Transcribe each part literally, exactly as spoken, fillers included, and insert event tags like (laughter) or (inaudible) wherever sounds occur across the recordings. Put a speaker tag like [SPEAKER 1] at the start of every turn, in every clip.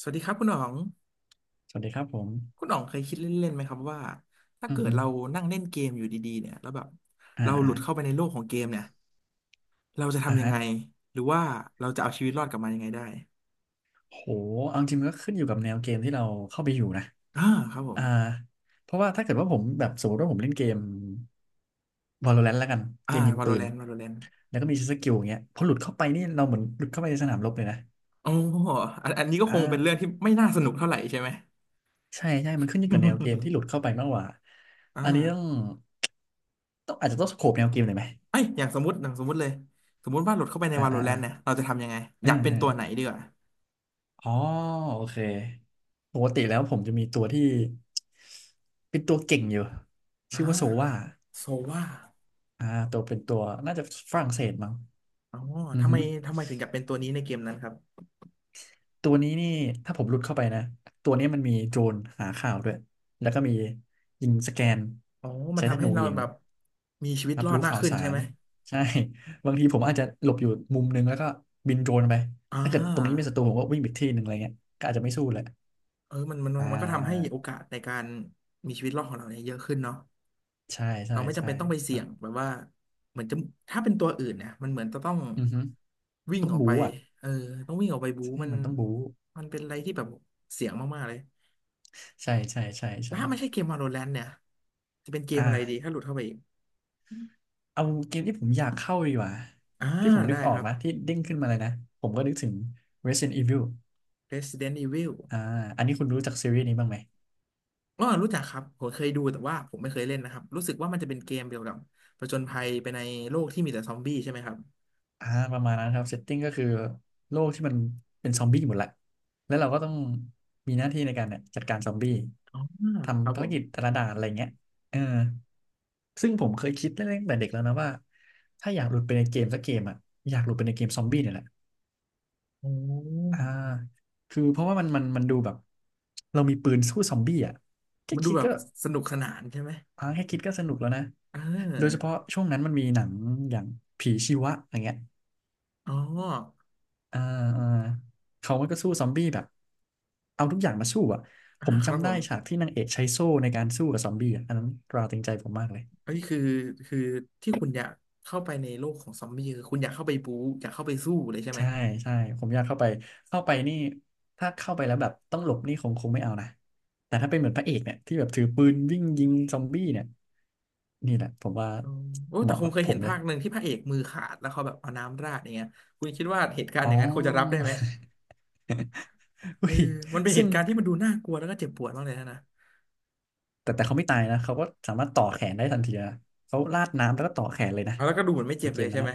[SPEAKER 1] สวัสดีครับคุณหนอง
[SPEAKER 2] สวัสดีครับผม
[SPEAKER 1] คุณหนองเคยคิดเล่นๆไหมครับว่าถ้า
[SPEAKER 2] อือ
[SPEAKER 1] เกิด
[SPEAKER 2] ฮึ
[SPEAKER 1] เรานั่งเล่นเกมอยู่ดีๆเนี่ยแล้วแบบ
[SPEAKER 2] อ่า
[SPEAKER 1] เราห
[SPEAKER 2] อ่า
[SPEAKER 1] ลุดเข้าไปในโลกของเกมเนี่ยเราจะ
[SPEAKER 2] อ่า
[SPEAKER 1] ทำยัง
[SPEAKER 2] ฮะ
[SPEAKER 1] ไงหรือว่าเราจะเอาชีวิตรอดกลับมายังไงได้
[SPEAKER 2] โหเอาจริงมันก็ขึ้นอยู่กับแนวเกมที่เราเข้าไปอยู่นะ
[SPEAKER 1] อ่าครับผ
[SPEAKER 2] อ่า
[SPEAKER 1] ม
[SPEAKER 2] เพราะว่าถ้าเกิดว่าผมแบบสมมติว่าผมเล่นเกม Valorant แล้วกันเก
[SPEAKER 1] อ่า
[SPEAKER 2] มยิงปืน
[SPEAKER 1] Valorant Valorant
[SPEAKER 2] แล้วก็มีสกิลอย่างเงี้ยพอหลุดเข้าไปนี่เราเหมือนหลุดเข้าไปในสนามรบเลยนะ
[SPEAKER 1] โอ้อันอันนี้ก็คงเป็นเรื่อ
[SPEAKER 2] อ่า
[SPEAKER 1] งที่ไม่น่าสนุกเท่าไหร่ใช่ไหม
[SPEAKER 2] ใช่ใช่มันขึ้นอยู่กับแนวเกมที่หลุดเข้า
[SPEAKER 1] (laughs)
[SPEAKER 2] ไปมากกว่า
[SPEAKER 1] อ่
[SPEAKER 2] อันนี้ต้อง
[SPEAKER 1] า
[SPEAKER 2] ต้องอาจจะต้องสโคปแนวเกมหน่อยไหม
[SPEAKER 1] ไอยอย่างสมมติอย่างสมมติเลยสมมติว่าหลุดเข้าไปใน
[SPEAKER 2] อ่าอ่าอ่า
[SPEAKER 1] Valorant เนี่ยเราจะทำยังไงอ
[SPEAKER 2] อื
[SPEAKER 1] ยาก
[SPEAKER 2] ม
[SPEAKER 1] เป็น
[SPEAKER 2] อืม
[SPEAKER 1] ตัวไหนดีกว่า
[SPEAKER 2] อ๋อโอเคปกติแล้วผมจะมีตัวที่เป็นตัวเก่งอยู่
[SPEAKER 1] อ่
[SPEAKER 2] ชื่อว่าโซวา
[SPEAKER 1] าโซว่า
[SPEAKER 2] อ่าตัวเป็นตัวน่าจะฝรั่งเศสมั้ง
[SPEAKER 1] อ๋อ
[SPEAKER 2] อือ
[SPEAKER 1] ทำไม
[SPEAKER 2] หือ
[SPEAKER 1] ทำไมถึงอยากเป็นตัวนี้ในเกมนั้นครับ
[SPEAKER 2] ตัวนี้นี่ถ้าผมรุดเข้าไปนะตัวนี้มันมีโดรนหาข่าวด้วยแล้วก็มียิงสแกน
[SPEAKER 1] อ๋อมัน
[SPEAKER 2] ใช้ธ
[SPEAKER 1] ทำให้
[SPEAKER 2] นู
[SPEAKER 1] เรา
[SPEAKER 2] ยิง
[SPEAKER 1] แบบมีชีวิต
[SPEAKER 2] รับ
[SPEAKER 1] รอด
[SPEAKER 2] รู้
[SPEAKER 1] มาก
[SPEAKER 2] ข่าว
[SPEAKER 1] ขึ้น
[SPEAKER 2] สา
[SPEAKER 1] ใช่
[SPEAKER 2] ร
[SPEAKER 1] ไหม
[SPEAKER 2] ใช่ (laughs) บางทีผมอาจจะหลบอยู่มุมนึงแล้วก็บินโดรนไป
[SPEAKER 1] อ่า
[SPEAKER 2] ถ้าเกิดตรงนี้มีศัตรูผมก็วิ่งไปอีกที่หนึ่งอะไรเงี้ยก็อาจจะไม่สู้เลย
[SPEAKER 1] เออมันมัน
[SPEAKER 2] อ่
[SPEAKER 1] มันก็ทำให้
[SPEAKER 2] า
[SPEAKER 1] โอกาสในการมีชีวิตรอดของเราเนี่ยเยอะขึ้นเนาะ
[SPEAKER 2] ใช่ใช่
[SPEAKER 1] เราไม่จำ
[SPEAKER 2] ใช่
[SPEAKER 1] เป็นต้องไป
[SPEAKER 2] ค
[SPEAKER 1] เสี่
[SPEAKER 2] รั
[SPEAKER 1] ย
[SPEAKER 2] บ
[SPEAKER 1] งแบบว่าเหมือนจะถ้าเป็นตัวอื่นเนี่ยมันเหมือนจะต้อง
[SPEAKER 2] อือฮึ
[SPEAKER 1] วิ่ง
[SPEAKER 2] ต้อง
[SPEAKER 1] ออกไป
[SPEAKER 2] บู๊อ่ะ
[SPEAKER 1] เออต้องวิ่งออกไปบู๊
[SPEAKER 2] ใช่
[SPEAKER 1] มัน
[SPEAKER 2] มันต้องบู๊
[SPEAKER 1] มันเป็นอะไรที่แบบเสี่ยงมากๆเลย
[SPEAKER 2] ใช่ใช่ใช่
[SPEAKER 1] แล้วถ้าไม่ใช่
[SPEAKER 2] ใช่
[SPEAKER 1] เกม Valorant เนี่ยจะเป็นเกมอะไรดี
[SPEAKER 2] อ่า
[SPEAKER 1] ถ้าหลุดเข้าไปอีก
[SPEAKER 2] เอาเกมที่ผมอยากเข้าดีกว่า
[SPEAKER 1] อ่า
[SPEAKER 2] ที่ผมนึ
[SPEAKER 1] ได้
[SPEAKER 2] กออ
[SPEAKER 1] ค
[SPEAKER 2] ก
[SPEAKER 1] รับ
[SPEAKER 2] นะที่เด้งขึ้นมาเลยนะผมก็นึกถึง Resident Evil
[SPEAKER 1] Resident Evil
[SPEAKER 2] อ่าอันนี้คุณรู้จักซีรีส์นี้บ้างไหม
[SPEAKER 1] อ๋อรู้จักครับผมเคยดูแต่ว่าผมไม่เคยเล่นนะครับรู้สึกว่ามันจะเป็นเกมเกี่ยวกับผจญภัยไปในโลกที่มีแต่ซอมบี้ใช่ไหมครับ
[SPEAKER 2] อ่าประมาณนั้นครับเซตติ้งก็คือโลกที่มันเป็นซอมบี้หมดแหละแล้วเราก็ต้องมีหน้าที่ในการเนี่ยจัดการซอมบี้
[SPEAKER 1] อ๋อครับ
[SPEAKER 2] ทำภา
[SPEAKER 1] ผ
[SPEAKER 2] ร
[SPEAKER 1] ม
[SPEAKER 2] กิจแต่ละด่านอะไรเงี้ยเออซึ่งผมเคยคิดตั้งแต่เด็กแล้วนะว่าถ้าอยากหลุดไปในเกมสักเกมอ่ะอยากหลุดไปในเกมซอมบี้เนี่ยแหละ
[SPEAKER 1] โอ้
[SPEAKER 2] อ่าคือเพราะว่ามันมันมันดูแบบเรามีปืนสู้ซอมบี้อ่ะแค่
[SPEAKER 1] มันดู
[SPEAKER 2] คิด
[SPEAKER 1] แบบ
[SPEAKER 2] ก็
[SPEAKER 1] สนุกสนานใช่ไหม
[SPEAKER 2] อ่าแค่คิดก็สนุกแล้วนะ
[SPEAKER 1] เ
[SPEAKER 2] โดยเฉ
[SPEAKER 1] ออ
[SPEAKER 2] พาะช่วงนั้นมันมีหนังอย่างผีชีวะอย่างเงี้ย
[SPEAKER 1] อ๋อ
[SPEAKER 2] อ่าอ่าเขามันก็สู้ซอมบี้แบบเอาทุกอย่างมาสู้อ่ะ ผ
[SPEAKER 1] อ่า
[SPEAKER 2] ม
[SPEAKER 1] ครับ
[SPEAKER 2] จำ
[SPEAKER 1] ผ
[SPEAKER 2] ได้
[SPEAKER 1] ม
[SPEAKER 2] ฉากที่นางเอกใช้โซ่ในการสู้กับซอมบี้อะอันนั้นตราตรึงใจผมมากเลย
[SPEAKER 1] เอ้ยคือคือที่คุณอยากเข้าไปในโลกของซอมบี้คือคุณอยากเข้าไปบู๊อยากเข้าไปสู้เลยใช่ไหม
[SPEAKER 2] ใช่ใช่ผมอยากเข้าไปเข้าไปนี่ถ้าเข้าไปแล้วแบบต้องหลบนี่คงคงไม่เอานะแต่ถ้าเป็นเหมือนพระเอกเนี่ยที่แบบถือปืนวิ่งยิงซอมบี้เนี่ยนี่แหละผมว่า
[SPEAKER 1] อ๋อโอ้
[SPEAKER 2] เห
[SPEAKER 1] แต่
[SPEAKER 2] มาะ
[SPEAKER 1] ผม
[SPEAKER 2] กับ
[SPEAKER 1] เคย
[SPEAKER 2] ผ
[SPEAKER 1] เห็
[SPEAKER 2] ม
[SPEAKER 1] น
[SPEAKER 2] เล
[SPEAKER 1] ภา
[SPEAKER 2] ย
[SPEAKER 1] คหนึ่งที่พระเอกมือขาดแล้วเขาแบบเอาน้ำราดอย่างเงี้ยคุณคิดว่าเหตุการณ์
[SPEAKER 2] อ๋
[SPEAKER 1] อ
[SPEAKER 2] อ
[SPEAKER 1] ย่างนั้นคุณจะรับได้ไหม
[SPEAKER 2] (laughs)
[SPEAKER 1] เอ
[SPEAKER 2] อุ้
[SPEAKER 1] อ
[SPEAKER 2] ย
[SPEAKER 1] มันเป็นเห
[SPEAKER 2] ซึ่ง
[SPEAKER 1] ตุการณ์ที่มันดูน่ากลัวแล้วก็เจ็บปวดมากเลยนะนะ
[SPEAKER 2] แต่แต่เขาไม่ตายนะเขาก็สามารถต่อแขนได้ทันทีนะเขาราดน้ำแล้วก็ต่อแขนเลยนะ
[SPEAKER 1] เอาแล้วก็ดูเหมือนไม่
[SPEAKER 2] ใน
[SPEAKER 1] เจ็บ
[SPEAKER 2] เก
[SPEAKER 1] เล
[SPEAKER 2] ม
[SPEAKER 1] ยใช่
[SPEAKER 2] นั้น
[SPEAKER 1] ไหม
[SPEAKER 2] นะ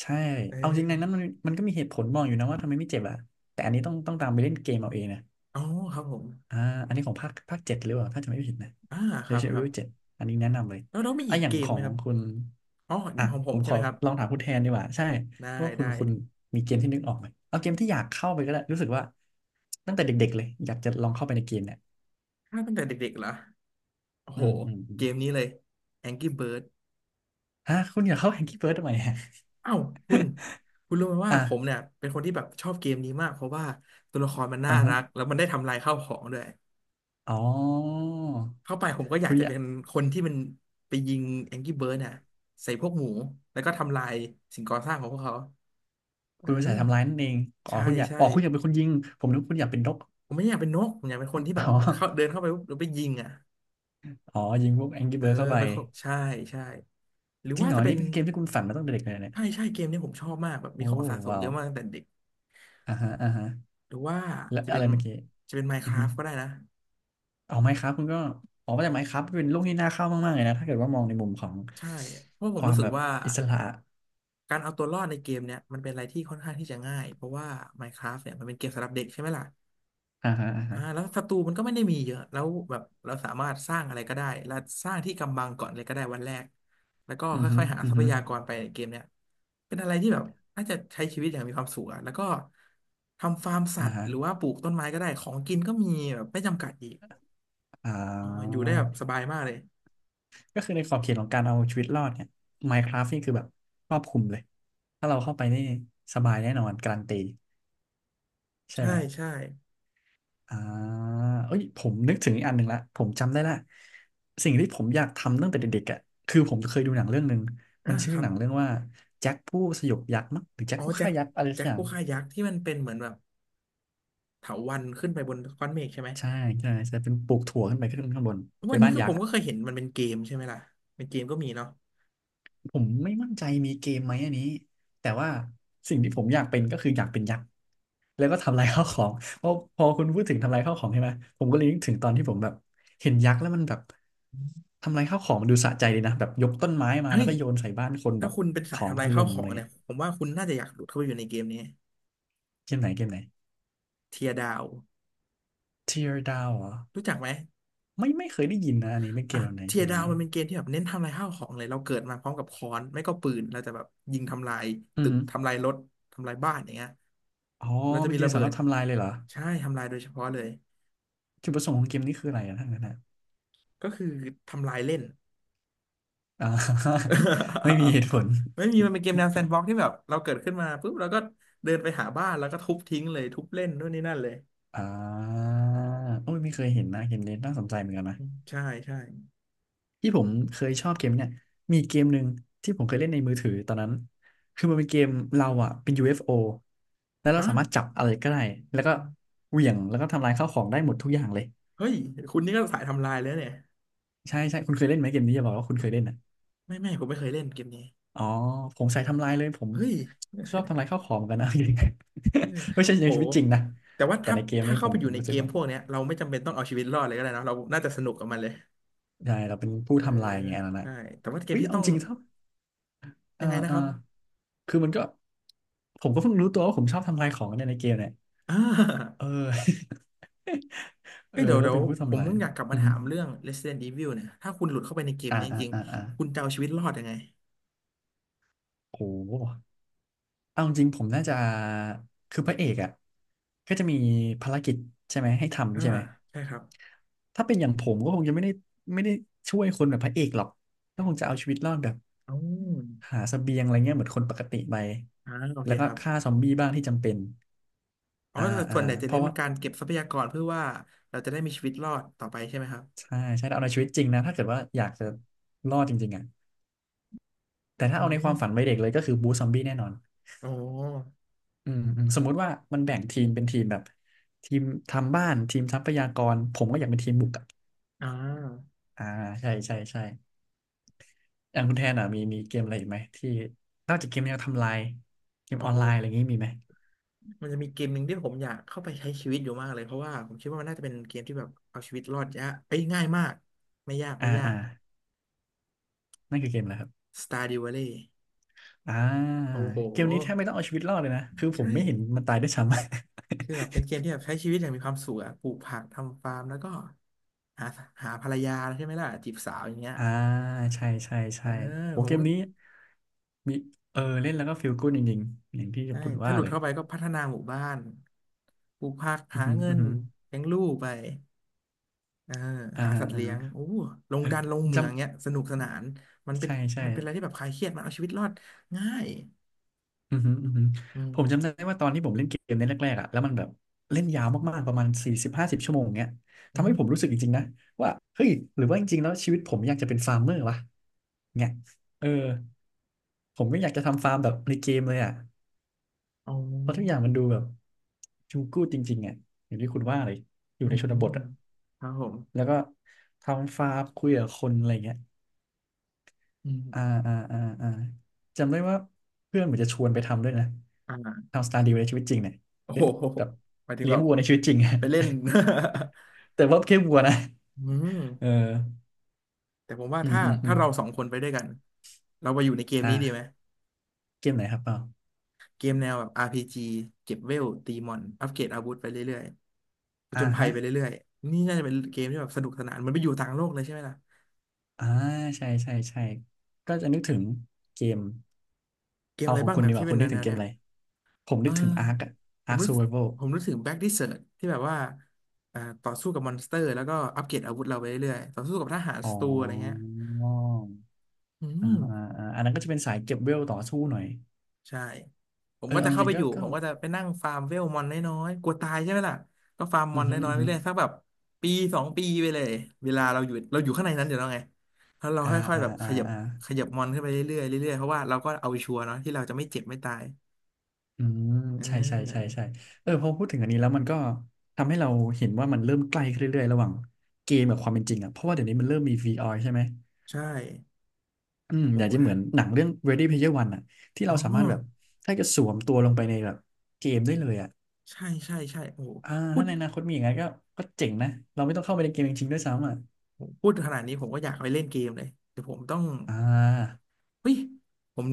[SPEAKER 2] ใช่
[SPEAKER 1] เอ
[SPEAKER 2] เอาจริงในนั้
[SPEAKER 1] อ
[SPEAKER 2] นมันมันก็มีเหตุผลมองอยู่นะว่าทำไมไม่เจ็บอ่ะแต่อันนี้ต้องต้องตามไปเล่นเกมเอาเองนะ
[SPEAKER 1] อ๋อครับผม
[SPEAKER 2] อ่าอันนี้ของภาคภาคเจ็ดหรือเปล่าถ้าจะไม่ผิดนะ
[SPEAKER 1] อ่าครับ
[SPEAKER 2] Resident
[SPEAKER 1] ครับ
[SPEAKER 2] Evil เจ็ดอันนี้แนะนำเลย
[SPEAKER 1] แล้วเลาวมี
[SPEAKER 2] อ่ะ
[SPEAKER 1] อีก
[SPEAKER 2] อย่า
[SPEAKER 1] เก
[SPEAKER 2] งข
[SPEAKER 1] ม
[SPEAKER 2] อ
[SPEAKER 1] ไหม
[SPEAKER 2] ง
[SPEAKER 1] ครับ
[SPEAKER 2] คุณ
[SPEAKER 1] อ๋ออ
[SPEAKER 2] อ่ะ
[SPEAKER 1] ย่างของผ
[SPEAKER 2] ผ
[SPEAKER 1] ม
[SPEAKER 2] ม
[SPEAKER 1] ใช่
[SPEAKER 2] ข
[SPEAKER 1] ไห
[SPEAKER 2] อ
[SPEAKER 1] มครับ
[SPEAKER 2] ลองถามคุณแทนดีกว่าใช่
[SPEAKER 1] ได้
[SPEAKER 2] ว่าคุณ
[SPEAKER 1] ได้
[SPEAKER 2] คุณมีเกมที่นึกออกไหมเอาเกมที่อยากเข้าไปก็ได้รู้สึกว่าตั้งแต่เด็กๆเลยอยากจะลองเข้าไปในเกมเนี่ย
[SPEAKER 1] ถ้าตั้งแต่เด็กๆเหรอโอ้
[SPEAKER 2] อื
[SPEAKER 1] โห
[SPEAKER 2] มอืมอื
[SPEAKER 1] เก
[SPEAKER 2] ม
[SPEAKER 1] มนี้เลย Angry Bird
[SPEAKER 2] ฮะคุณอยากเข้าแฮงกี้เบิร์ดทำไมฮะ
[SPEAKER 1] เอ้าคุณคุณรู้ไหมว่า
[SPEAKER 2] อ่ะ
[SPEAKER 1] ผมเนี่ยเป็นคนที่แบบชอบเกมนี้มากเพราะว่าตัวละครมันน่า
[SPEAKER 2] อ่าฮะ
[SPEAKER 1] รักแล้วมันได้ทำลายข้าวของด้วย
[SPEAKER 2] อ๋อ
[SPEAKER 1] เข้าไปผมก็อยา
[SPEAKER 2] คุ
[SPEAKER 1] ก
[SPEAKER 2] ณ
[SPEAKER 1] จะ
[SPEAKER 2] อยา
[SPEAKER 1] เป็
[SPEAKER 2] ก
[SPEAKER 1] นคนที่มันไปยิง Angry Bird น่ะใส่พวกหมูแล้วก็ทำลายสิ่งก่อสร้างของพวกเขาเอ
[SPEAKER 2] คุณเป็นสาย
[SPEAKER 1] อ
[SPEAKER 2] ทำร้ายนั่นเองอ๋อ
[SPEAKER 1] ใช่
[SPEAKER 2] คุณอยาก
[SPEAKER 1] ใช่
[SPEAKER 2] อ๋อคุณอยากเป็นคนยิงผมนึกว่าคุณอยากเป็นนก
[SPEAKER 1] ผมไม่อยากเป็นนกผมอยากเป็นคนที่แบ
[SPEAKER 2] อ๋
[SPEAKER 1] บเข้า
[SPEAKER 2] อ
[SPEAKER 1] เดินเข้าไปปุ๊บแล้วไปยิงอ่ะ
[SPEAKER 2] อ๋อยิงพวกแองกี้
[SPEAKER 1] เออ
[SPEAKER 2] เบิร์ดเข้าไป
[SPEAKER 1] ไปเข้าใช่ใช่หรือ
[SPEAKER 2] จริง
[SPEAKER 1] ว่า
[SPEAKER 2] เหรอ
[SPEAKER 1] จะเป็
[SPEAKER 2] นี่
[SPEAKER 1] น
[SPEAKER 2] เป็นเกมที่คุณฝันมาตั้งแต่เด็กเลยเนี่ย
[SPEAKER 1] ใช่ใช่เกมเนี้ยผมชอบมากแบบมี
[SPEAKER 2] โอ้
[SPEAKER 1] ของสะสม
[SPEAKER 2] ว้า
[SPEAKER 1] เย
[SPEAKER 2] ว
[SPEAKER 1] อะมากตั้งแต่เด็ก
[SPEAKER 2] อ่าฮะอ่าฮะ
[SPEAKER 1] หรือว่า
[SPEAKER 2] และ
[SPEAKER 1] จะ
[SPEAKER 2] อะ
[SPEAKER 1] เป็
[SPEAKER 2] ไร
[SPEAKER 1] น
[SPEAKER 2] เมื่อกี้
[SPEAKER 1] จะเป็น
[SPEAKER 2] อือฮึ
[SPEAKER 1] Minecraft ก็ได้นะ
[SPEAKER 2] เอาไมครับคุณก็ออกมาจากไมครับเป็นโลกที่น่าเข้ามากๆเลยนะถ้าเกิดว่ามองในมุมของ
[SPEAKER 1] ใช่เพราะผ
[SPEAKER 2] ค
[SPEAKER 1] ม
[SPEAKER 2] วา
[SPEAKER 1] รู้
[SPEAKER 2] ม
[SPEAKER 1] สึ
[SPEAKER 2] แบ
[SPEAKER 1] ก
[SPEAKER 2] บ
[SPEAKER 1] ว่า
[SPEAKER 2] อิสระ
[SPEAKER 1] การเอาตัวรอดในเกมเนี้ยมันเป็นอะไรที่ค่อนข้างที่จะง่าย เพราะว่า Minecraft เนี่ยมันเป็นเกมสำหรับเด็กใช่ไหมล่ะ
[SPEAKER 2] อ่าฮะอ่า
[SPEAKER 1] อ่า
[SPEAKER 2] ฮะ
[SPEAKER 1] แล้วศัตรูมันก็ไม่ได้มีเยอะแล้วแบบเราสามารถสร้างอะไรก็ได้และสร้างที่กำบังก่อนเลยก็ได้วันแรกแล้วก็
[SPEAKER 2] อือฮึ
[SPEAKER 1] ค่อยๆหา
[SPEAKER 2] อื
[SPEAKER 1] ท
[SPEAKER 2] อ
[SPEAKER 1] รัพ
[SPEAKER 2] ฮึ
[SPEAKER 1] ยากรไปเกมเนี้ยเป็นอะไรที่แบบน่าจะใช้ชีวิตอย่างมีความสุขอะแล้วก็ทำฟาร์มสั
[SPEAKER 2] อ่า
[SPEAKER 1] ตว์
[SPEAKER 2] ฮะ
[SPEAKER 1] หรือว่าปลูกต้นไม้ก็ได้ของกินก็มีแบบไม่จำกัดอีก
[SPEAKER 2] อ่
[SPEAKER 1] อ๋ออยู่ได้แบบ
[SPEAKER 2] า
[SPEAKER 1] สบายมากเลย
[SPEAKER 2] ก็คือในขอบเขตของการเอาชีวิตรอดเนี่ยไมครับนี่คือแบบครอบคลุมเลยถ้าเราเข้าไปนี่สบายแน่นอนการันตีใช่
[SPEAKER 1] ใช่
[SPEAKER 2] ไหม
[SPEAKER 1] ใช่
[SPEAKER 2] อ่าเอ้ยผมนึกถึงอีกอันหนึ่งละผมจำได้ละสิ่งที่ผมอยากทำตั้งแต่เด็กๆอ่ะคือผมเคยดูหนังเรื่องหนึ่ง
[SPEAKER 1] อ่า
[SPEAKER 2] มันชื่
[SPEAKER 1] ค
[SPEAKER 2] อ
[SPEAKER 1] รั
[SPEAKER 2] ห
[SPEAKER 1] บ
[SPEAKER 2] นังเรื่องว่าแจ็คผู้สยบยักษ์มั้งหรือแจ็ค
[SPEAKER 1] อ๋อ
[SPEAKER 2] ผู้
[SPEAKER 1] แจ็
[SPEAKER 2] ฆ่า
[SPEAKER 1] ค
[SPEAKER 2] ยักษ์อะไรสั
[SPEAKER 1] แจ็
[SPEAKER 2] ก
[SPEAKER 1] ค
[SPEAKER 2] อย่าง
[SPEAKER 1] ผู้ฆ่ายักษ์ที่มันเป็นเหมือนแบบเถาวัลย์ขึ้นไปบนก้อนเมฆใช่ไหม
[SPEAKER 2] ใช่ใช่ใช่เป็นปลูกถั่วขึ้นไปขึ้นข้างบนไป
[SPEAKER 1] วันนี้
[SPEAKER 2] บ้าน
[SPEAKER 1] ก็
[SPEAKER 2] ยั
[SPEAKER 1] ผ
[SPEAKER 2] ก
[SPEAKER 1] ม
[SPEAKER 2] ษ์
[SPEAKER 1] ก็
[SPEAKER 2] อะ
[SPEAKER 1] เคยเห็นมันเป็นเกมใช่ไหมล่ะเป็นเกมก็มีเนาะ
[SPEAKER 2] ผมไม่มั่นใจมีเกมไหมอันนี้แต่ว่าสิ่งที่ผมอยากเป็นก็คืออยากเป็นยักษ์ แล้วก็ทำลายข้าวของเพอพอคุณพูดถึงทำลายข้าวของใช่ไหมผมก็เลยนึกถึงตอนที่ผมแบบเห็นยักษ์แล้วมันแบบทำลายข้าวของมันดูสะใจดีนะแบบยกต้นไม้มา
[SPEAKER 1] เฮ้
[SPEAKER 2] แล้
[SPEAKER 1] ย
[SPEAKER 2] วก็โยนใส่บ้านคนแบ
[SPEAKER 1] ถ้า
[SPEAKER 2] บ
[SPEAKER 1] คุณเป็น
[SPEAKER 2] ข
[SPEAKER 1] สาย
[SPEAKER 2] อง
[SPEAKER 1] ทำ
[SPEAKER 2] ถ
[SPEAKER 1] ลายข้า
[SPEAKER 2] ล่
[SPEAKER 1] ว
[SPEAKER 2] ม
[SPEAKER 1] ข
[SPEAKER 2] อะ
[SPEAKER 1] อ
[SPEAKER 2] ไร
[SPEAKER 1] งเนี่
[SPEAKER 2] เงี้
[SPEAKER 1] ย
[SPEAKER 2] ย
[SPEAKER 1] ผมว่าคุณน่าจะอยากหลุดเข้าไปอยู่ในเกมนี้
[SPEAKER 2] เกมไหนเกมไหน
[SPEAKER 1] เทียดาว
[SPEAKER 2] Tear Down เหรอ
[SPEAKER 1] รู้จักไหม
[SPEAKER 2] ไม่ไม่เคยได้ยินนะอันนี้เป็นเก
[SPEAKER 1] อ่ะ
[SPEAKER 2] มแบบไหน
[SPEAKER 1] เที
[SPEAKER 2] เก
[SPEAKER 1] ย
[SPEAKER 2] มแบ
[SPEAKER 1] ดา
[SPEAKER 2] บ
[SPEAKER 1] ว
[SPEAKER 2] ไหน
[SPEAKER 1] มันเป็นเกมที่แบบเน้นทำลายข้าวของเลยเราเกิดมาพร้อมกับค้อนไม่ก็ปืนเราจะแบบยิงทำลาย
[SPEAKER 2] อือ
[SPEAKER 1] ตึก
[SPEAKER 2] หือ
[SPEAKER 1] ทำลายรถทำลายบ้านอย่างเงี้ย
[SPEAKER 2] อ๋อ
[SPEAKER 1] เราจะ
[SPEAKER 2] เป็น
[SPEAKER 1] มี
[SPEAKER 2] เกม
[SPEAKER 1] ระ
[SPEAKER 2] สำ
[SPEAKER 1] เบิ
[SPEAKER 2] หรั
[SPEAKER 1] ด
[SPEAKER 2] บทำลายเลยเหรอ
[SPEAKER 1] ใช่ทำลายโดยเฉพาะเลย
[SPEAKER 2] จุดประสงค์ของเกมนี้คืออะไรอะทั้างนั้นนะ
[SPEAKER 1] ก็คือทำลายเล่น
[SPEAKER 2] (laughs) อ่า (laughs) ไม่มีเหตุผ
[SPEAKER 1] (laughs)
[SPEAKER 2] ล
[SPEAKER 1] ไม่มีมันเป็นเกมแนวแซนด์บ็อกซ์ที่แบบเราเกิดขึ้นมาปุ๊บเราก็เดินไปหาบ้านแล้วก็ทุบทิ้งเลยทุบเล่นนู่นนี่นั่นเลย
[SPEAKER 2] อ่าโอ้ยไม่เคยเห็นนะเกมนี้น่าสนใจเหมือนกันนะ
[SPEAKER 1] ใช่ใช่
[SPEAKER 2] ที่ผมเคยชอบเกมเนี่ยมีเกมหนึ่งที่ผมเคยเล่นในมือถือตอนนั้น คือมันเป็นเกมเราอะเป็น ยู เอฟ โอ แล้วเรา
[SPEAKER 1] ฮะ
[SPEAKER 2] สามารถจับอะไรก็ได้ แล้วก็เหวี่ยงแล้วก็ทำลายข้าวของได้หมดทุกอย่างเลย
[SPEAKER 1] เฮ้ย คุณนี่ก็สายทำลายแล้วเนี่ย
[SPEAKER 2] ใช่ใช่คุณเคยเล่นไหมเกมนี้อย่าบอกว่าคุณเคยเล่นนะ
[SPEAKER 1] ไม่ไม่ผมไม่เคยเล่นเกมนี้
[SPEAKER 2] อ๋อ ผมใส่ทำลายเลยผม
[SPEAKER 1] เฮ้ย
[SPEAKER 2] ชอบทำลายข้าวของเหมือนกันนะ (laughs) ไม่ใช่
[SPEAKER 1] (laughs)
[SPEAKER 2] ใน
[SPEAKER 1] โห
[SPEAKER 2] ชีวิตจริงนะ
[SPEAKER 1] แต่ว่า
[SPEAKER 2] แต่
[SPEAKER 1] ถ้า
[SPEAKER 2] ในเกม
[SPEAKER 1] ถ้า
[SPEAKER 2] นี้
[SPEAKER 1] เข้า
[SPEAKER 2] ผม
[SPEAKER 1] ไปอ
[SPEAKER 2] ผ
[SPEAKER 1] ยู่
[SPEAKER 2] ม
[SPEAKER 1] ใน
[SPEAKER 2] รู้
[SPEAKER 1] เก
[SPEAKER 2] สึก
[SPEAKER 1] ม
[SPEAKER 2] แบบ
[SPEAKER 1] พวกเนี้ยเราไม่จำเป็นต้องเอาชีวิตรอดเลยก็ได้เนอะเราน่าจะสนุกกับมันเลย
[SPEAKER 2] ใช่เราเป็นผู้
[SPEAKER 1] เออ
[SPEAKER 2] ทำลายไงอันนั้นนะ
[SPEAKER 1] ใช่แต่ว่าเก
[SPEAKER 2] อุ้
[SPEAKER 1] ม
[SPEAKER 2] ย
[SPEAKER 1] ที่
[SPEAKER 2] เอา
[SPEAKER 1] ต้อง
[SPEAKER 2] จริงถ้าเอ
[SPEAKER 1] ยั
[SPEAKER 2] อ
[SPEAKER 1] งไงนะ
[SPEAKER 2] เอ
[SPEAKER 1] ค
[SPEAKER 2] อ
[SPEAKER 1] รับ
[SPEAKER 2] คือมันก็ผมก็เพิ่งรู้ตัวว่าผมชอบทำลายของเนี่ยในเกมเนี่ย
[SPEAKER 1] อ่า (laughs)
[SPEAKER 2] เออ (laughs) เอ
[SPEAKER 1] เอ้
[SPEAKER 2] อ
[SPEAKER 1] ยเดี๋ยว
[SPEAKER 2] ก็
[SPEAKER 1] เดี๋ย
[SPEAKER 2] เป็
[SPEAKER 1] ว
[SPEAKER 2] นผู้
[SPEAKER 1] ผ
[SPEAKER 2] ทำ
[SPEAKER 1] ม
[SPEAKER 2] ลาย
[SPEAKER 1] อยากกลับ
[SPEAKER 2] อื
[SPEAKER 1] มา
[SPEAKER 2] อฮึ
[SPEAKER 1] ถามเรื่อง Resident Evil เนี่ย ถ้าคุณหลุดเข้าไปในเกม
[SPEAKER 2] อ่า
[SPEAKER 1] เนี้จ
[SPEAKER 2] อ่า
[SPEAKER 1] ริง
[SPEAKER 2] อ่าอ่า
[SPEAKER 1] ๆคุณจะเอาชีวิตรอดยังไง
[SPEAKER 2] โอ้โหเอาจริงผมน่าจะคือพระเอกอ่ะก็จะมีภารกิจใช่ไหมให้
[SPEAKER 1] อ่า
[SPEAKER 2] ทำใช่ไหม
[SPEAKER 1] ใช่ครับ
[SPEAKER 2] ถ้าเป็นอย่างผมก็คงจะไม่ได้ไม่ได้ช่วยคนแบบพระเอกหรอกก็คงจะเอาชีวิตรอดแบบ
[SPEAKER 1] อ๋อ
[SPEAKER 2] หาเสบียงอะไรเงี้ยเหมือนคนปกติไป
[SPEAKER 1] อ่าโอเค
[SPEAKER 2] แล้วก็
[SPEAKER 1] ครับ
[SPEAKER 2] ฆ่าซอมบี้บ้างที่จำเป็น
[SPEAKER 1] อ๋อ
[SPEAKER 2] อ่า
[SPEAKER 1] แต่
[SPEAKER 2] อ่า
[SPEAKER 1] ส่วนใหญ่จะ
[SPEAKER 2] เพ
[SPEAKER 1] เน้
[SPEAKER 2] ราะ
[SPEAKER 1] นเป็
[SPEAKER 2] ว่า
[SPEAKER 1] นการเก็บทรัพยากรเพื่อว่าเราจะได้มีชีวิตรอดต่อไปใช่ไหมครับ
[SPEAKER 2] ใช่ใช่เอาในชีวิตจริงนะ ถ้าเกิดว่าอยากจะรอดจริงๆอ่ะแต่ถ้า
[SPEAKER 1] อื
[SPEAKER 2] เอาในความ
[SPEAKER 1] ม
[SPEAKER 2] ฝันวัยเด็กเลยก็คือบูซอมบี้แน่นอน
[SPEAKER 1] อ๋อ
[SPEAKER 2] อืมอืมสมมุติว่ามันแบ่งทีมเป็นทีมแบบทีมทำบ้านทีมทรัพยากรผมก็อยากเป็นทีมบุกอะ
[SPEAKER 1] อ่า
[SPEAKER 2] อ่าใช่ใช่ใช่อย่างคุณแทนอ่ะมีมีเกมอะไรอีกไหมที่นอกจากเกมแนวทำลายเกม
[SPEAKER 1] โอ
[SPEAKER 2] ออนไลน์อะไรอย่าง
[SPEAKER 1] ้
[SPEAKER 2] งี้มีไหม
[SPEAKER 1] มันจะมีเกมหนึ่งที่ผมอยากเข้าไปใช้ชีวิตอยู่มากเลยเพราะว่าผมคิดว่ามันน่าจะเป็นเกมที่แบบเอาชีวิตรอดยากเอ้ยง่ายมาก ไม่ยาก
[SPEAKER 2] อ่า
[SPEAKER 1] ไม่ยา
[SPEAKER 2] อ่า
[SPEAKER 1] ก
[SPEAKER 2] นั่นคือเกมอะไรครับ
[SPEAKER 1] Stardew Valley
[SPEAKER 2] อ่า
[SPEAKER 1] โอ้โห
[SPEAKER 2] เกมนี้แทบไม่ต้องเอาชีวิตรอดเลยนะคือผ
[SPEAKER 1] ใช่
[SPEAKER 2] มไม่เห็นมันตายด้วยซ้ำ
[SPEAKER 1] คือแบบเป็นเกมที่แบบใช้ชีวิตอย่างมีความสุขอะปลูกผักทำฟาร์มแล้วก็หาหาภรรยาใช่ไหมล่ะจีบสาวอย่างเงี้ย
[SPEAKER 2] (laughs) อ่าใช่ใช่
[SPEAKER 1] เออ
[SPEAKER 2] ใช่โห
[SPEAKER 1] ผ
[SPEAKER 2] เก
[SPEAKER 1] ม
[SPEAKER 2] ม
[SPEAKER 1] ก็
[SPEAKER 2] นี้มีเออเล่นแล้วก็ฟีลกู๊ดจริงๆอย่างที่
[SPEAKER 1] ใช่
[SPEAKER 2] คุณ
[SPEAKER 1] ถ้า
[SPEAKER 2] ว่า
[SPEAKER 1] หลุด
[SPEAKER 2] เลย
[SPEAKER 1] เข้าไปก็พัฒนาหมู่บ้านปลูกผัก
[SPEAKER 2] อือ
[SPEAKER 1] หา
[SPEAKER 2] หือ
[SPEAKER 1] เงิ
[SPEAKER 2] อือ
[SPEAKER 1] น
[SPEAKER 2] หือ
[SPEAKER 1] เลี้ยงลูกไป เออ
[SPEAKER 2] อ่า
[SPEAKER 1] หาสัตว์
[SPEAKER 2] อ่า
[SPEAKER 1] เลี้ยงโอ้ลงดันลงเห
[SPEAKER 2] (laughs) จ
[SPEAKER 1] มืองเนี้ยสนุกสนานมัน
[SPEAKER 2] ำ
[SPEAKER 1] เป็น
[SPEAKER 2] ใช่ใช่
[SPEAKER 1] มันเป็นอะไรที่แบบคลายเครียดมันเอาชีวิตรอดง่าย
[SPEAKER 2] อือหืออือหือ
[SPEAKER 1] อื
[SPEAKER 2] ผมจำได้
[SPEAKER 1] ม
[SPEAKER 2] ว่าตอนที่ผมเล่นเกมเล่นแรกๆอ่ะแล้วมันแบบเล่นยาวมากๆประมาณสี่สิบห้าสิบชั่วโมงเงี้ย
[SPEAKER 1] อื
[SPEAKER 2] ทำให้
[SPEAKER 1] ม
[SPEAKER 2] ผมรู้สึกจริงๆนะว่าเฮ้ยหรือว่าจริงๆแล้วชีวิตผมอยากจะเป็นฟาร์มเมอร์วะเนี่ยเออผมไม่อยากจะทำฟาร์มแบบในเกมเลยอ่ะ
[SPEAKER 1] อ๋
[SPEAKER 2] เพราะทุกอย่า
[SPEAKER 1] อ
[SPEAKER 2] งมันดูแบบจูกูดจริงๆอ่ะอย่างที่คุณว่าเลยอยู่
[SPEAKER 1] อื
[SPEAKER 2] ในชน
[SPEAKER 1] ม
[SPEAKER 2] บทอ่ะ
[SPEAKER 1] ครับผม
[SPEAKER 2] แล้วก็ทำฟาร์มคุยกับคนอะไรเงี้ย
[SPEAKER 1] อื
[SPEAKER 2] อ่า
[SPEAKER 1] ม
[SPEAKER 2] อ่าอ่าอ่าจำได้ว่าเพื่อนเหมือนจะชวนไปทำด้วยนะ
[SPEAKER 1] อ่า
[SPEAKER 2] ทำสตาร์ดิวในชีวิตจริงเนี่ย
[SPEAKER 1] โอ้
[SPEAKER 2] เป็
[SPEAKER 1] โห
[SPEAKER 2] นแบบ
[SPEAKER 1] หมายถึง
[SPEAKER 2] เลี้
[SPEAKER 1] แบ
[SPEAKER 2] ยง
[SPEAKER 1] บ
[SPEAKER 2] วัวในชีวิตจริงอะ
[SPEAKER 1] ไปเล่น (laughs)
[SPEAKER 2] (laughs) แต่ว่าแค่วัวนะ
[SPEAKER 1] อืม
[SPEAKER 2] เออ
[SPEAKER 1] แต่ผมว่า
[SPEAKER 2] อืม
[SPEAKER 1] ถ้า
[SPEAKER 2] อืมอื
[SPEAKER 1] ถ้า
[SPEAKER 2] ม
[SPEAKER 1] เราสองคนไปด้วยกันเราไปอยู่ในเกม
[SPEAKER 2] อ
[SPEAKER 1] นี้ดีไหม
[SPEAKER 2] ่าเกมไหนครับเปล่า
[SPEAKER 1] เกมแนวแบบ อาร์ พี จี เก็บเวลตีมอนอัปเกรดอาวุธไปเรื่อยๆผ
[SPEAKER 2] อ่า
[SPEAKER 1] จญภั
[SPEAKER 2] ฮะ
[SPEAKER 1] ยไปเรื่อยๆนี่น่าจะเป็นเกมที่แบบสนุกสนานเหมันไปอยู่ต่างโลกเลยใช่ไหมล่ะ
[SPEAKER 2] อ่าใช่ใช่ใช่ก็จะนึกถึงเกม
[SPEAKER 1] เกม
[SPEAKER 2] เอา
[SPEAKER 1] อะไร
[SPEAKER 2] ของ
[SPEAKER 1] บ้าง
[SPEAKER 2] คุณ
[SPEAKER 1] นะ
[SPEAKER 2] ดีก
[SPEAKER 1] ที่
[SPEAKER 2] ว่า
[SPEAKER 1] เป็
[SPEAKER 2] คุ
[SPEAKER 1] น
[SPEAKER 2] ณนึก
[SPEAKER 1] แน
[SPEAKER 2] ถึง
[SPEAKER 1] ว
[SPEAKER 2] เก
[SPEAKER 1] ๆ
[SPEAKER 2] ม
[SPEAKER 1] เนี้ย
[SPEAKER 2] อะไรผม
[SPEAKER 1] เอ
[SPEAKER 2] นึ
[SPEAKER 1] อ
[SPEAKER 2] กถึงอาร์คอะ
[SPEAKER 1] ผ
[SPEAKER 2] อา
[SPEAKER 1] ม
[SPEAKER 2] ร์ค
[SPEAKER 1] รู้
[SPEAKER 2] ซู
[SPEAKER 1] สึ
[SPEAKER 2] เว
[SPEAKER 1] ก
[SPEAKER 2] อร์
[SPEAKER 1] ผมรู้สึกแบ็กดิเซิร์ตที่แบบว่าอ่าต่อสู้กับมอนสเตอร์แล้วก็อัปเกรดอาวุธเราไปเรื่อยๆต่อสู้กับทหาร
[SPEAKER 2] โอ๋
[SPEAKER 1] ศัตรูอะไรเงี้ย
[SPEAKER 2] อ
[SPEAKER 1] อื
[SPEAKER 2] อ่า
[SPEAKER 1] ม
[SPEAKER 2] อ่าอ่าอันนั้นก็จะเป็นสายเก็บเวลต่อสู้หน่อย
[SPEAKER 1] ใช่ ผม
[SPEAKER 2] เออ
[SPEAKER 1] ก็
[SPEAKER 2] เอา
[SPEAKER 1] จะ
[SPEAKER 2] จ
[SPEAKER 1] เข้า
[SPEAKER 2] ริ
[SPEAKER 1] ไป
[SPEAKER 2] งๆ
[SPEAKER 1] อ
[SPEAKER 2] ก็
[SPEAKER 1] ยู่
[SPEAKER 2] ก็
[SPEAKER 1] ผมก็จะไปนั่งฟาร์มเวลมอนน้อยๆกลัวตายใช่ไหมล่ะก็ฟาร์มม
[SPEAKER 2] อื
[SPEAKER 1] อ
[SPEAKER 2] อ
[SPEAKER 1] น
[SPEAKER 2] ฮึ
[SPEAKER 1] น้อ
[SPEAKER 2] อื
[SPEAKER 1] ย
[SPEAKER 2] อ
[SPEAKER 1] ๆไป
[SPEAKER 2] ฮึ
[SPEAKER 1] เรื่อยสักแบบปีสองปีไปเลยเวลาเราอยู่เราอยู่ข้างในนั้นอยู่แล้วไงแล้วเรา
[SPEAKER 2] อ่า
[SPEAKER 1] ค่อยๆ
[SPEAKER 2] อ่า
[SPEAKER 1] แบบข
[SPEAKER 2] อ่า
[SPEAKER 1] ยับ
[SPEAKER 2] อ่า
[SPEAKER 1] ขยับมอนขึ้นไปเรื่อยๆเรื่อยๆเพราะว่าเราก็เอาชัวร์เนาะที่เราจะไม่เจ็บไม่ตาย
[SPEAKER 2] อืม
[SPEAKER 1] อ่
[SPEAKER 2] ใช่ใช่ใช่
[SPEAKER 1] า
[SPEAKER 2] ใช่เออพอพูดถึงอันนี้แล้วมันก็ทำให้เราเห็นว่ามันเริ่มใกล้ขึ้นเรื่อยๆระหว่างเกมกับความเป็นจริงอ่ะเพราะว่าเดี๋ยวนี้มันเริ่มมี วี อาร์ ใช่ไหม
[SPEAKER 1] ใช่
[SPEAKER 2] อืมอยาก
[SPEAKER 1] โห
[SPEAKER 2] จะเหมือนหนังเรื่อง Ready Player One อ่ะที่
[SPEAKER 1] อ๋
[SPEAKER 2] เรา
[SPEAKER 1] อ
[SPEAKER 2] สามารถแบบแค่จะสวมตัวลงไปในแบบเกมได้เลยอ่ะ
[SPEAKER 1] ใช่ใช่ใช่โอ้โห
[SPEAKER 2] อ่า
[SPEAKER 1] พู
[SPEAKER 2] ถ้า
[SPEAKER 1] ด
[SPEAKER 2] ในอนาคตมีอย่างนั้นก็ก็เจ๋งนะเราไม่ต้องเข้าไปในเกมจริงๆด้วยซ้ำอ่ะ
[SPEAKER 1] โอ้โหพูดขนาดนี้ผมก็อยากไปเล่นเกมเลยเดี๋ยวผมต้อง
[SPEAKER 2] อ่า
[SPEAKER 1] เฮ้ยผม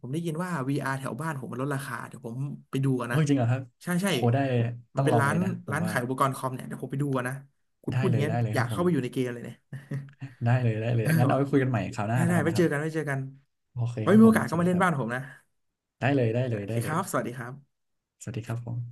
[SPEAKER 1] ผมได้ยินว่า วี อาร์ แถวบ้านผมมันลดราคาเดี๋ยวผมไปดูกัน
[SPEAKER 2] เออ
[SPEAKER 1] นะ
[SPEAKER 2] จริงเหรอครับ
[SPEAKER 1] ใช่ใช่
[SPEAKER 2] โหได้
[SPEAKER 1] มั
[SPEAKER 2] ต้
[SPEAKER 1] น
[SPEAKER 2] อง
[SPEAKER 1] เป็น
[SPEAKER 2] ลอง
[SPEAKER 1] ร้า
[SPEAKER 2] เล
[SPEAKER 1] น
[SPEAKER 2] ยนะผม
[SPEAKER 1] ร้าน
[SPEAKER 2] ว่า
[SPEAKER 1] ขายอุปกรณ์คอมเนี่ยเดี๋ยวผมไปดูกันนะคุณพู
[SPEAKER 2] ได้
[SPEAKER 1] ดอ
[SPEAKER 2] เล
[SPEAKER 1] ย่าง
[SPEAKER 2] ย
[SPEAKER 1] นี้ย
[SPEAKER 2] ได้เลย
[SPEAKER 1] อ
[SPEAKER 2] ค
[SPEAKER 1] ยา
[SPEAKER 2] รั
[SPEAKER 1] ก
[SPEAKER 2] บผ
[SPEAKER 1] เข้า
[SPEAKER 2] ม
[SPEAKER 1] ไปอยู่ในเกมเลยเนี่ย
[SPEAKER 2] ได้เลยได้เล
[SPEAKER 1] (laughs)
[SPEAKER 2] ยงั้นเอาไว้คุยกัน
[SPEAKER 1] เออ
[SPEAKER 2] ใหม่คราวหน้า
[SPEAKER 1] ได้
[SPEAKER 2] แล้ว
[SPEAKER 1] ได้
[SPEAKER 2] กัน
[SPEAKER 1] ไว้
[SPEAKER 2] นะค
[SPEAKER 1] เจ
[SPEAKER 2] รั
[SPEAKER 1] อ
[SPEAKER 2] บ
[SPEAKER 1] กันไว้เจอกัน
[SPEAKER 2] โอเค
[SPEAKER 1] ไว้
[SPEAKER 2] ครับ
[SPEAKER 1] มี
[SPEAKER 2] ผ
[SPEAKER 1] โอ
[SPEAKER 2] ม
[SPEAKER 1] กาส
[SPEAKER 2] ส
[SPEAKER 1] ก็
[SPEAKER 2] วัส
[SPEAKER 1] มา
[SPEAKER 2] ดี
[SPEAKER 1] เล่
[SPEAKER 2] ค
[SPEAKER 1] น
[SPEAKER 2] รับ
[SPEAKER 1] บ้านผมนะ
[SPEAKER 2] ได้เลยได้เลย
[SPEAKER 1] โอเค
[SPEAKER 2] ได้
[SPEAKER 1] ค
[SPEAKER 2] เล
[SPEAKER 1] รั
[SPEAKER 2] ย
[SPEAKER 1] บสวัสดีครับ
[SPEAKER 2] สวัสดีครับผม